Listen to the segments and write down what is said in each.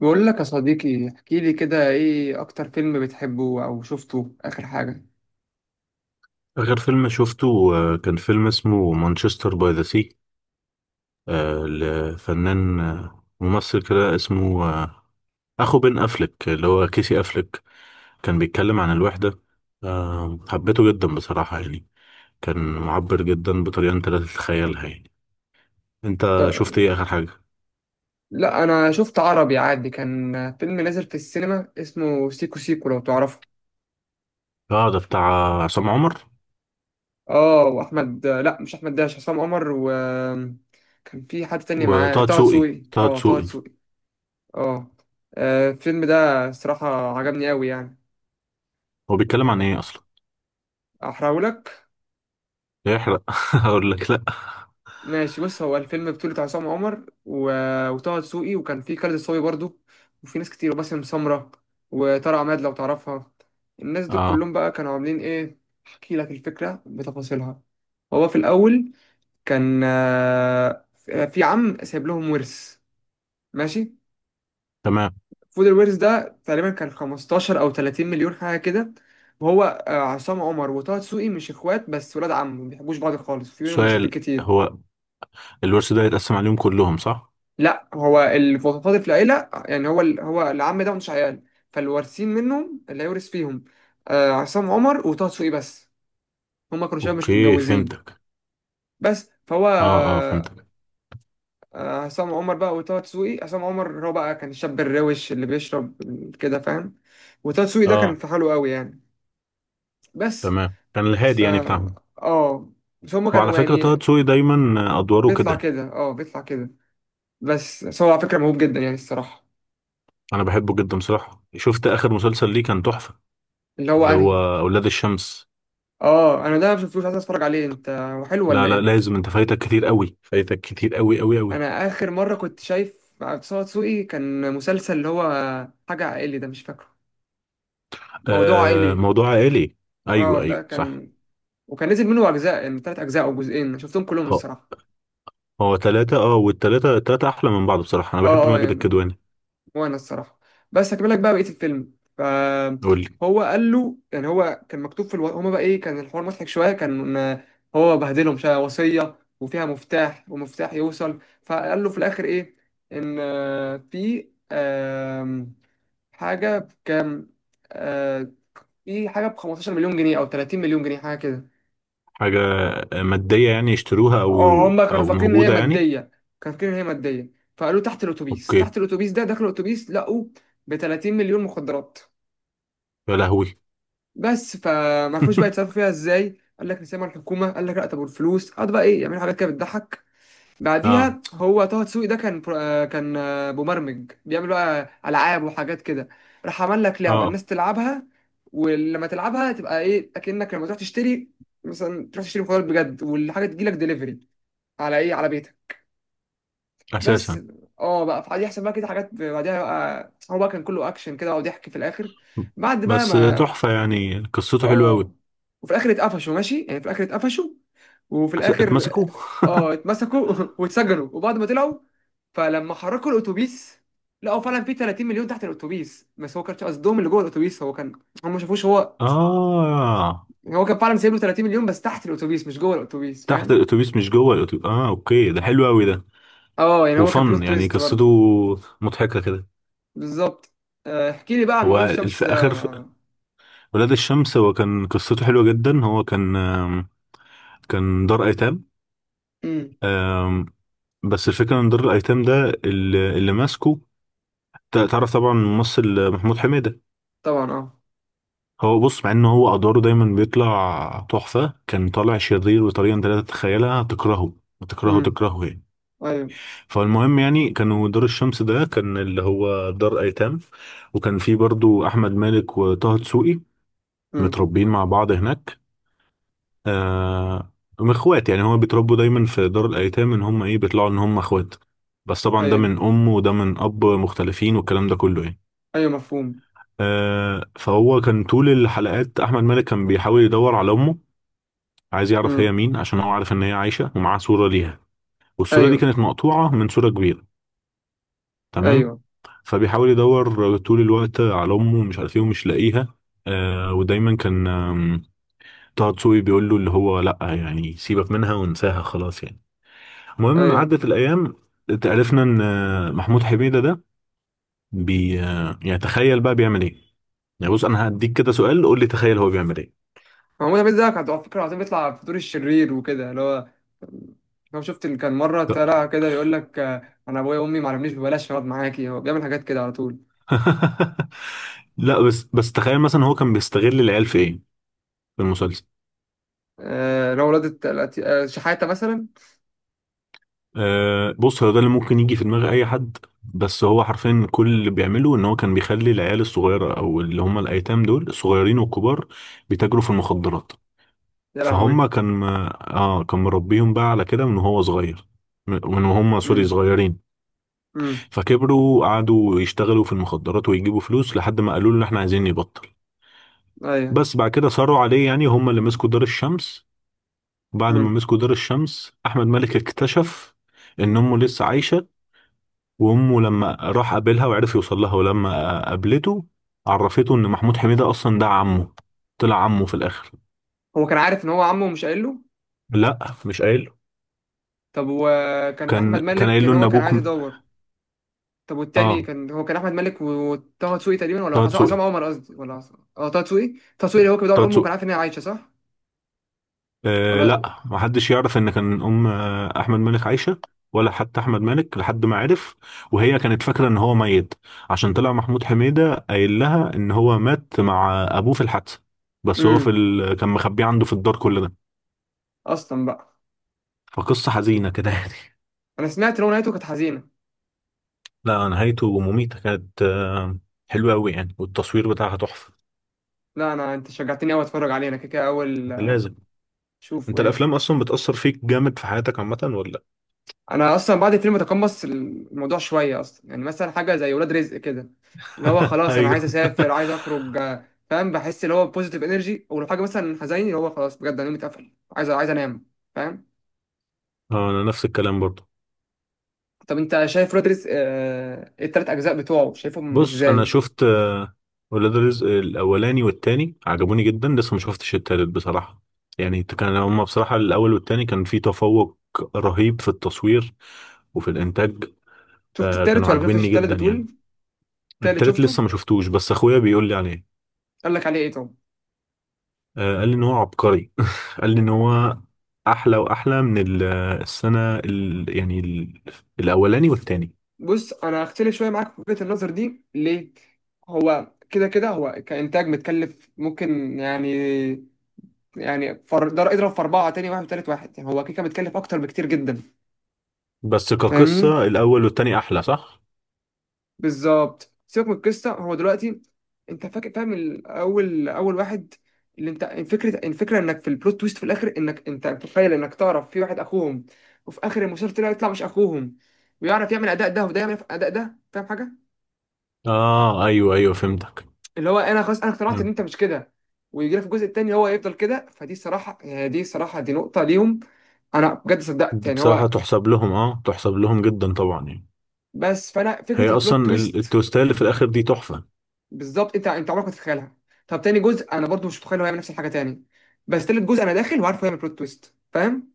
بقول لك يا صديقي، احكي لي كده، ايه اكتر فيلم بتحبه او شفته اخر حاجة؟ آخر فيلم شفته. كان فيلم اسمه مانشستر باي ذا سي، لفنان، ممثل كده اسمه، أخو بن أفلك اللي هو كيسي أفلك. كان بيتكلم عن الوحدة. حبيته جدا بصراحة، يعني كان معبر جدا بطريقة أنت لا تتخيلها، يعني. أنت شفت ط- إيه آخر حاجة؟ لا، انا شفت عربي عادي، كان فيلم نازل في السينما اسمه سيكو سيكو لو تعرفه. آه، ده بتاع عصام عمر اه، واحمد، لا مش احمد داش، عصام عمر و كان في حد تاني معاه وطه طه دسوقي. دسوقي. طه اه، طه دسوقي. دسوقي. اه. الفيلم ده صراحة عجبني قوي يعني. هو بيتكلم عن إيه أصلا؟ احرقه؟ لا يحرق هقول لك لأ. ماشي، بص، هو الفيلم بطولة عصام عمر وطه دسوقي، وكان فيه خالد الصاوي برضو، وفي ناس كتير، وباسم سمرة، وطارق عماد لو تعرفها. الناس دول آه، كلهم بقى كانوا عاملين ايه؟ احكي لك الفكرة بتفاصيلها. هو في الأول كان، في عم سايب لهم ورث. ماشي. تمام. فود الورث ده تقريبا كان 15 أو 30 مليون حاجة كده. وهو، عصام عمر وطه دسوقي مش اخوات بس ولاد عم، ما بيحبوش بعض خالص، في بينهم مشاكل سؤال: كتير. هو الورث ده يتقسم عليهم كلهم، صح؟ لا، هو المتفاضل في العيلة يعني، هو العم ده مش عيال، فالوارثين منهم اللي هيورث فيهم، عصام عمر وطه دسوقي بس. هما كانوا شباب مش اوكي، متجوزين. فهمتك. بس فهو، اه، اه، فهمتك. عصام عمر بقى وطه دسوقي، عصام عمر هو بقى كان الشاب الروش اللي بيشرب كده، فاهم؟ وطه دسوقي ده كان اه، في حاله قوي يعني. بس. تمام. كان الهادي ف، يعني بتاعهم. اه بس هما وعلى كانوا فكرة، طه يعني، دسوقي دايما ادواره بيطلع كده. كده، بيطلع كده. بس بس، هو على فكرة موهوب جدا يعني الصراحة. انا بحبه جدا بصراحة، شفت اخر مسلسل ليه كان تحفة. اللي هو اللي انهي؟ هو اولاد الشمس. اه. انا ده ما شفتوش، عايز اتفرج عليه، انت هو حلو لا، ولا لا، ايه؟ لازم، انت فايتك كتير قوي، فايتك كتير قوي قوي قوي. انا اخر مره كنت شايف مع طه دسوقي كان مسلسل، اللي هو حاجه عائلي، ده مش فاكره، موضوع آه، عائلي. موضوع عائلي. اه، ايوه، ده ايوه، صح. كان، وكان نزل منه اجزاء، يعني ثلاث اجزاء او جزئين، أنا شفتهم كلهم هو الصراحه. هو ثلاثة، اه، والثلاثة ثلاثة احلى من بعض. بصراحة انا بحب اه، اه، ماجد يعني. الكدواني. وانا الصراحه، بس هكمل لك بقى بقيه الفيلم. قول لي. فهو قال له يعني، هو كان مكتوب في هما بقى ايه، كان الحوار مضحك شويه. كان، هو بهدلهم شويه وصيه، وفيها مفتاح، ومفتاح يوصل، فقال له في الاخر ايه، ان، في، حاجه بكام، آه، في حاجه ب 15 مليون جنيه او 30 مليون جنيه حاجه كده. حاجة مادية يعني يشتروها، او هما كانوا او فاكرين ان هي موجودة يعني؟ ماديه. كانوا فاكرين ان هي ماديه. فقالوا تحت الاتوبيس، اوكي. تحت الاتوبيس، ده داخل الاتوبيس لقوا ب 30 مليون مخدرات. يا لهوي. بس فما عرفوش بقى يتصرفوا فيها ازاي، قال لك نسيبها مع الحكومه، قال لك لا، طب والفلوس. قعد بقى ايه يعملوا حاجات كده بتضحك. اه، بعديها، هو طه دسوقي ده كان برو- آه، كان آه، مبرمج، بيعمل بقى العاب وحاجات كده. راح عمل لك لعبه اه، الناس تلعبها، ولما تلعبها تبقى ايه، اكنك لما تروح تشتري، مثلا تروح تشتري مخدرات بجد، والحاجه تجي لك دليفري على ايه، على بيتك. بس. اساسا. اه بقى فعادي يحصل بقى كده حاجات. بعديها بقى، هو بقى كان كله اكشن كده، وضحك في الاخر. بعد بقى بس ما، تحفة يعني، قصته حلوة قوي. اه وفي الاخر اتقفشوا، ماشي، يعني في الاخر اتقفشوا. وفي الاخر اتمسكوا. اه اتمسكوا واتسجنوا، وبعد ما طلعوا، فلما حركوا الاتوبيس لقوا فعلا في 30 مليون تحت الاتوبيس، بس هو كانش قصدهم اللي جوه الاتوبيس، هو كان، هم ما شافوش. هو اه، يعني هو كان فعلا سايب له 30 مليون بس تحت الاتوبيس، مش جوه الاتوبيس، تحت فاهم؟ الاتوبيس مش جوه الاتوبيس. اه، اوكي، ده حلو قوي ده. اه، يعني هو كان وفن بلوت يعني، تويست قصته برضه. مضحكة كده. بالظبط. احكي لي بقى عن مواليد هو في الشمس ده، اخر، في أنا. ولاد الشمس، هو كان قصته حلوة جدا. هو كان كان دار ايتام، امم. آم، بس الفكرة ان دار الايتام ده، اللي ماسكه، تعرف طبعا الممثل محمود حميدة. طبعا اه. هو بص، مع ان هو ادواره دايما بيطلع تحفه، كان طالع شرير بطريقه انت لا تتخيلها. تكرهه وتكرهه امم. تكرهه يعني. ايوه. فالمهم يعني، كانوا دار الشمس ده كان اللي هو دار ايتام، وكان فيه برضو احمد مالك وطه دسوقي امم. متربيين مع بعض هناك. آه، هم اخوات يعني، هما بيتربوا دايما في دار الايتام ان هم ايه، بيطلعوا ان هم اخوات. بس طبعا ده ايوه، من ام وده من اب مختلفين، والكلام ده كله يعني. ايوه مفهوم. آه، فهو كان طول الحلقات احمد مالك كان بيحاول يدور على امه، عايز يعرف هي امم. مين، عشان هو عارف ان هي عايشه ومعاه صوره ليها. والصوره دي ايوه. كانت مقطوعه من صوره كبيره. تمام. ايوه، فبيحاول يدور طول الوقت على امه ومش عارف ايه ومش لاقيها. آه، ودايما كان، طه دسوقي بيقول له اللي هو لا، يعني سيبك منها وانساها خلاص يعني. المهم ايوه. عدت الايام، عرفنا ان محمود حميده ده بي آه، يعني تخيل بقى بيعمل ايه. يعني بص، انا هديك كده سؤال، قول لي تخيل هو بيعمل ايه. محمود حميد ده كان على فكرة العظيم، بيطلع في دور الشرير وكده، اللي هو لو شفت اللي كان مرة طب. طلع كده بيقول لك، أنا أبويا وأمي ما علمنيش، ببلاش أقعد معاكي. هو بيعمل حاجات كده على طول. لا، بس تخيل مثلا هو كان بيستغل العيال في ايه، في المسلسل. لو ولادة شحاتة مثلا. أه، بص، هو ده اللي ممكن يجي في دماغ اي حد. بس هو حرفيا كل اللي بيعمله ان هو كان بيخلي العيال الصغيره او اللي هم الايتام دول، الصغيرين والكبار، بيتاجروا في المخدرات. يا لهوي. فهم كان كان مربيهم بقى على كده من وهو صغير، من وهم سوري أمم. صغيرين. أمم. فكبروا قعدوا يشتغلوا في المخدرات ويجيبوا فلوس، لحد ما قالوا له ان احنا عايزين نبطل. أيوه. بس بعد كده صاروا عليه، يعني هم اللي مسكوا دار الشمس. بعد ما أمم. مسكوا دار الشمس، احمد مالك اكتشف ان امه لسه عايشه. وامه لما راح قابلها وعرف يوصل لها، ولما قابلته عرفته ان محمود حميدة اصلا ده عمه. طلع عمه في الاخر. هو كان عارف إن هو عمه، مش قايل له. لا، مش قايل له. طب، وكان أحمد كان مالك قايل له اللي ان هو كان ابوك عايز يدور. طب، والتاني اه. كان، هو كان أحمد مالك وطه دسوقي تقريبا، ولا طه عصام دسوقي. عصام عمر قصدي، ولا عصام، أه طه دسوقي. طه دسوقي اللي هو كان طه بيدور أمه، وكان دسوقي. عارف إن هي عايشة، صح؟ آه، ولا. لا، ما حدش يعرف ان كان ام احمد مالك عايشه. ولا حتى احمد مالك، لحد ما عرف. وهي كانت فاكره ان هو ميت، عشان طلع محمود حميدة قايل لها ان هو مات مع ابوه في الحادثه. بس هو أمم. كان مخبيه عنده في الدار كل ده. أصلا بقى. فقصه حزينه كده يعني. انا سمعت ان هو نهايته كانت حزينه. لا، نهايته مميتة كانت، حلوة أوي يعني، والتصوير بتاعها تحفة. لا، انا، انت شجعتني قوي اتفرج عليه، انا كده كده اول لازم. أنت شوفه يعني. الأفلام أصلا بتأثر فيك جامد في حياتك عامة ولا؟ انا اصلا بعد الفيلم تقمص الموضوع شويه اصلا، يعني مثلا حاجه زي ولاد رزق كده، اللي هو خلاص انا عايز أيوه. اسافر، عايز اخرج، فاهم؟ بحس اللي هو بوزيتيف انرجي. ولو حاجه مثلا حزيني، اللي هو خلاص بجد، انا يومي اتقفل، عايز انام، فاهم؟ اه، أنا نفس الكلام برضو. طب، انت شايف ولاد رزق، إيه التلات اجزاء بتوعه شايفهم بص، أنا ازاي؟ شفت، ولاد رزق الأولاني والتاني عجبوني جدا. لسه ما شفتش التالت بصراحة. يعني كان هما بصراحة الأول والتاني كان في تفوق رهيب في التصوير وفي الإنتاج. شفت التالت كانوا ولا مشفتش؟ عاجبني التالت جدا يعني. بتقول. التالت التالت شفته. لسه ما شفتوش، بس أخويا بيقول لي عليه. قال لك عليه ايه طب؟ قال لي ان هو عبقري. قال لي ان هو احلى واحلى من ال- السنه ال يعني ال الاولاني والتاني. بص، انا هختلف شويه معاك في وجهه النظر دي ليه. هو كده كده، هو كانتاج متكلف ممكن يعني، يعني اضرب في اربعه، تاني واحد، تالت واحد، يعني هو كده كده متكلف اكتر بكتير جدا. بس فاهمني؟ كقصه الاول والتاني احلى، صح؟ بالظبط. سيبك من القصه، هو دلوقتي انت فاكر فاهم الاول، اول واحد اللي انت، الفكره انك في البلوت تويست في الاخر، انك انت متخيل انك تعرف في واحد اخوهم، وفي اخر المسلسل طلع، يطلع مش اخوهم. ويعرف يعمل اداء ده، وده يعمل اداء ده، فاهم حاجه؟ اه، ايوه، ايوه، فهمتك. اللي هو انا خلاص، انا اقتنعت ان مم. انت مش كده. ويجي لك في الجزء التاني هو يفضل كده، فدي الصراحه يعني، دي الصراحه، دي نقطه ليهم، انا بجد صدقت دي يعني بصراحه هو. تحسب لهم، اه، تحسب لهم جدا طبعا يعني. بس فانا هي فكره البلوت اصلا تويست، التويستات اللي في الاخر دي تحفه. بالظبط. انت عمرك ما تتخيلها. طب تاني جزء انا برضو مش متخيل هو هيعمل نفس الحاجه تاني. بس تالت جزء انا داخل وعارف هو هيعمل بلوت تويست، فاهم؟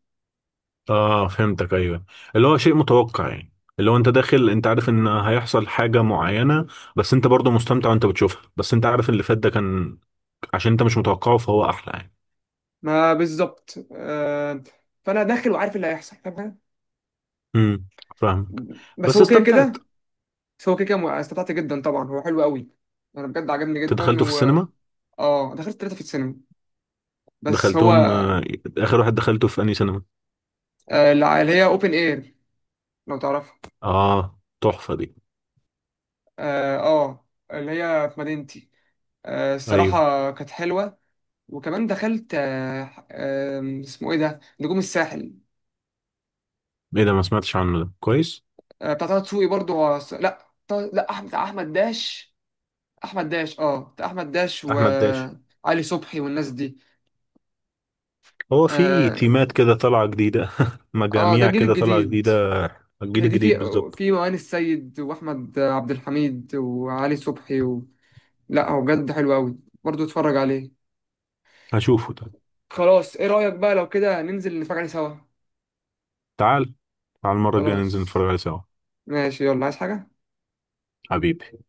اه، فهمتك، ايوه. اللي هو شيء متوقع يعني، اللي هو انت داخل انت عارف ان هيحصل حاجه معينه، بس انت برضه مستمتع وانت بتشوفها. بس انت عارف اللي فات ده كان عشان انت مش متوقعه، فهو احلى يعني. ما بالظبط، فانا داخل وعارف اللي هيحصل، فاهم حاجة؟ امم. فاهمك. بس بس هو كده استمتعت. كده. بس هو كده كده استمتعت جدا طبعا، هو حلو قوي. انا بجد عجبني انت دخلته جدا في و السينما؟ اه دخلت ثلاثه في السينما. بس دخلتهم، هو، اخر واحد دخلته في انهي سينما. اللي هي اوبن اير لو تعرفها. اه، تحفه دي. اه، اللي هي في مدينتي. ايوه. الصراحة كانت حلوة. وكمان دخلت آه، آم، اسمه ايه ده، نجوم الساحل. ايه ده، ما سمعتش عنه ده، كويس. بتاع طه دسوقي برضه، هو لا احمد، بتاع احمد داش. احمد داش، اه، بتاع احمد داش احمد داش. وعلي صبحي والناس دي. هو في اه، تيمات كده طالعه جديده ده مجاميع الجيل كده طالعه الجديد. جديده. الجيل هي دي في الجديد بالظبط. في مؤان السيد واحمد عبد الحميد وعلي صبحي و. لا هو بجد حلو قوي، برضه اتفرج عليه. هشوفه ده. خلاص، ايه رأيك بقى لو كده ننزل نتفرج عليه سوا. تعال، تعال المره الجايه ننزل خلاص نتفرج عليه سوا. ماشي، يلا عايز حاجة؟ حبيبي.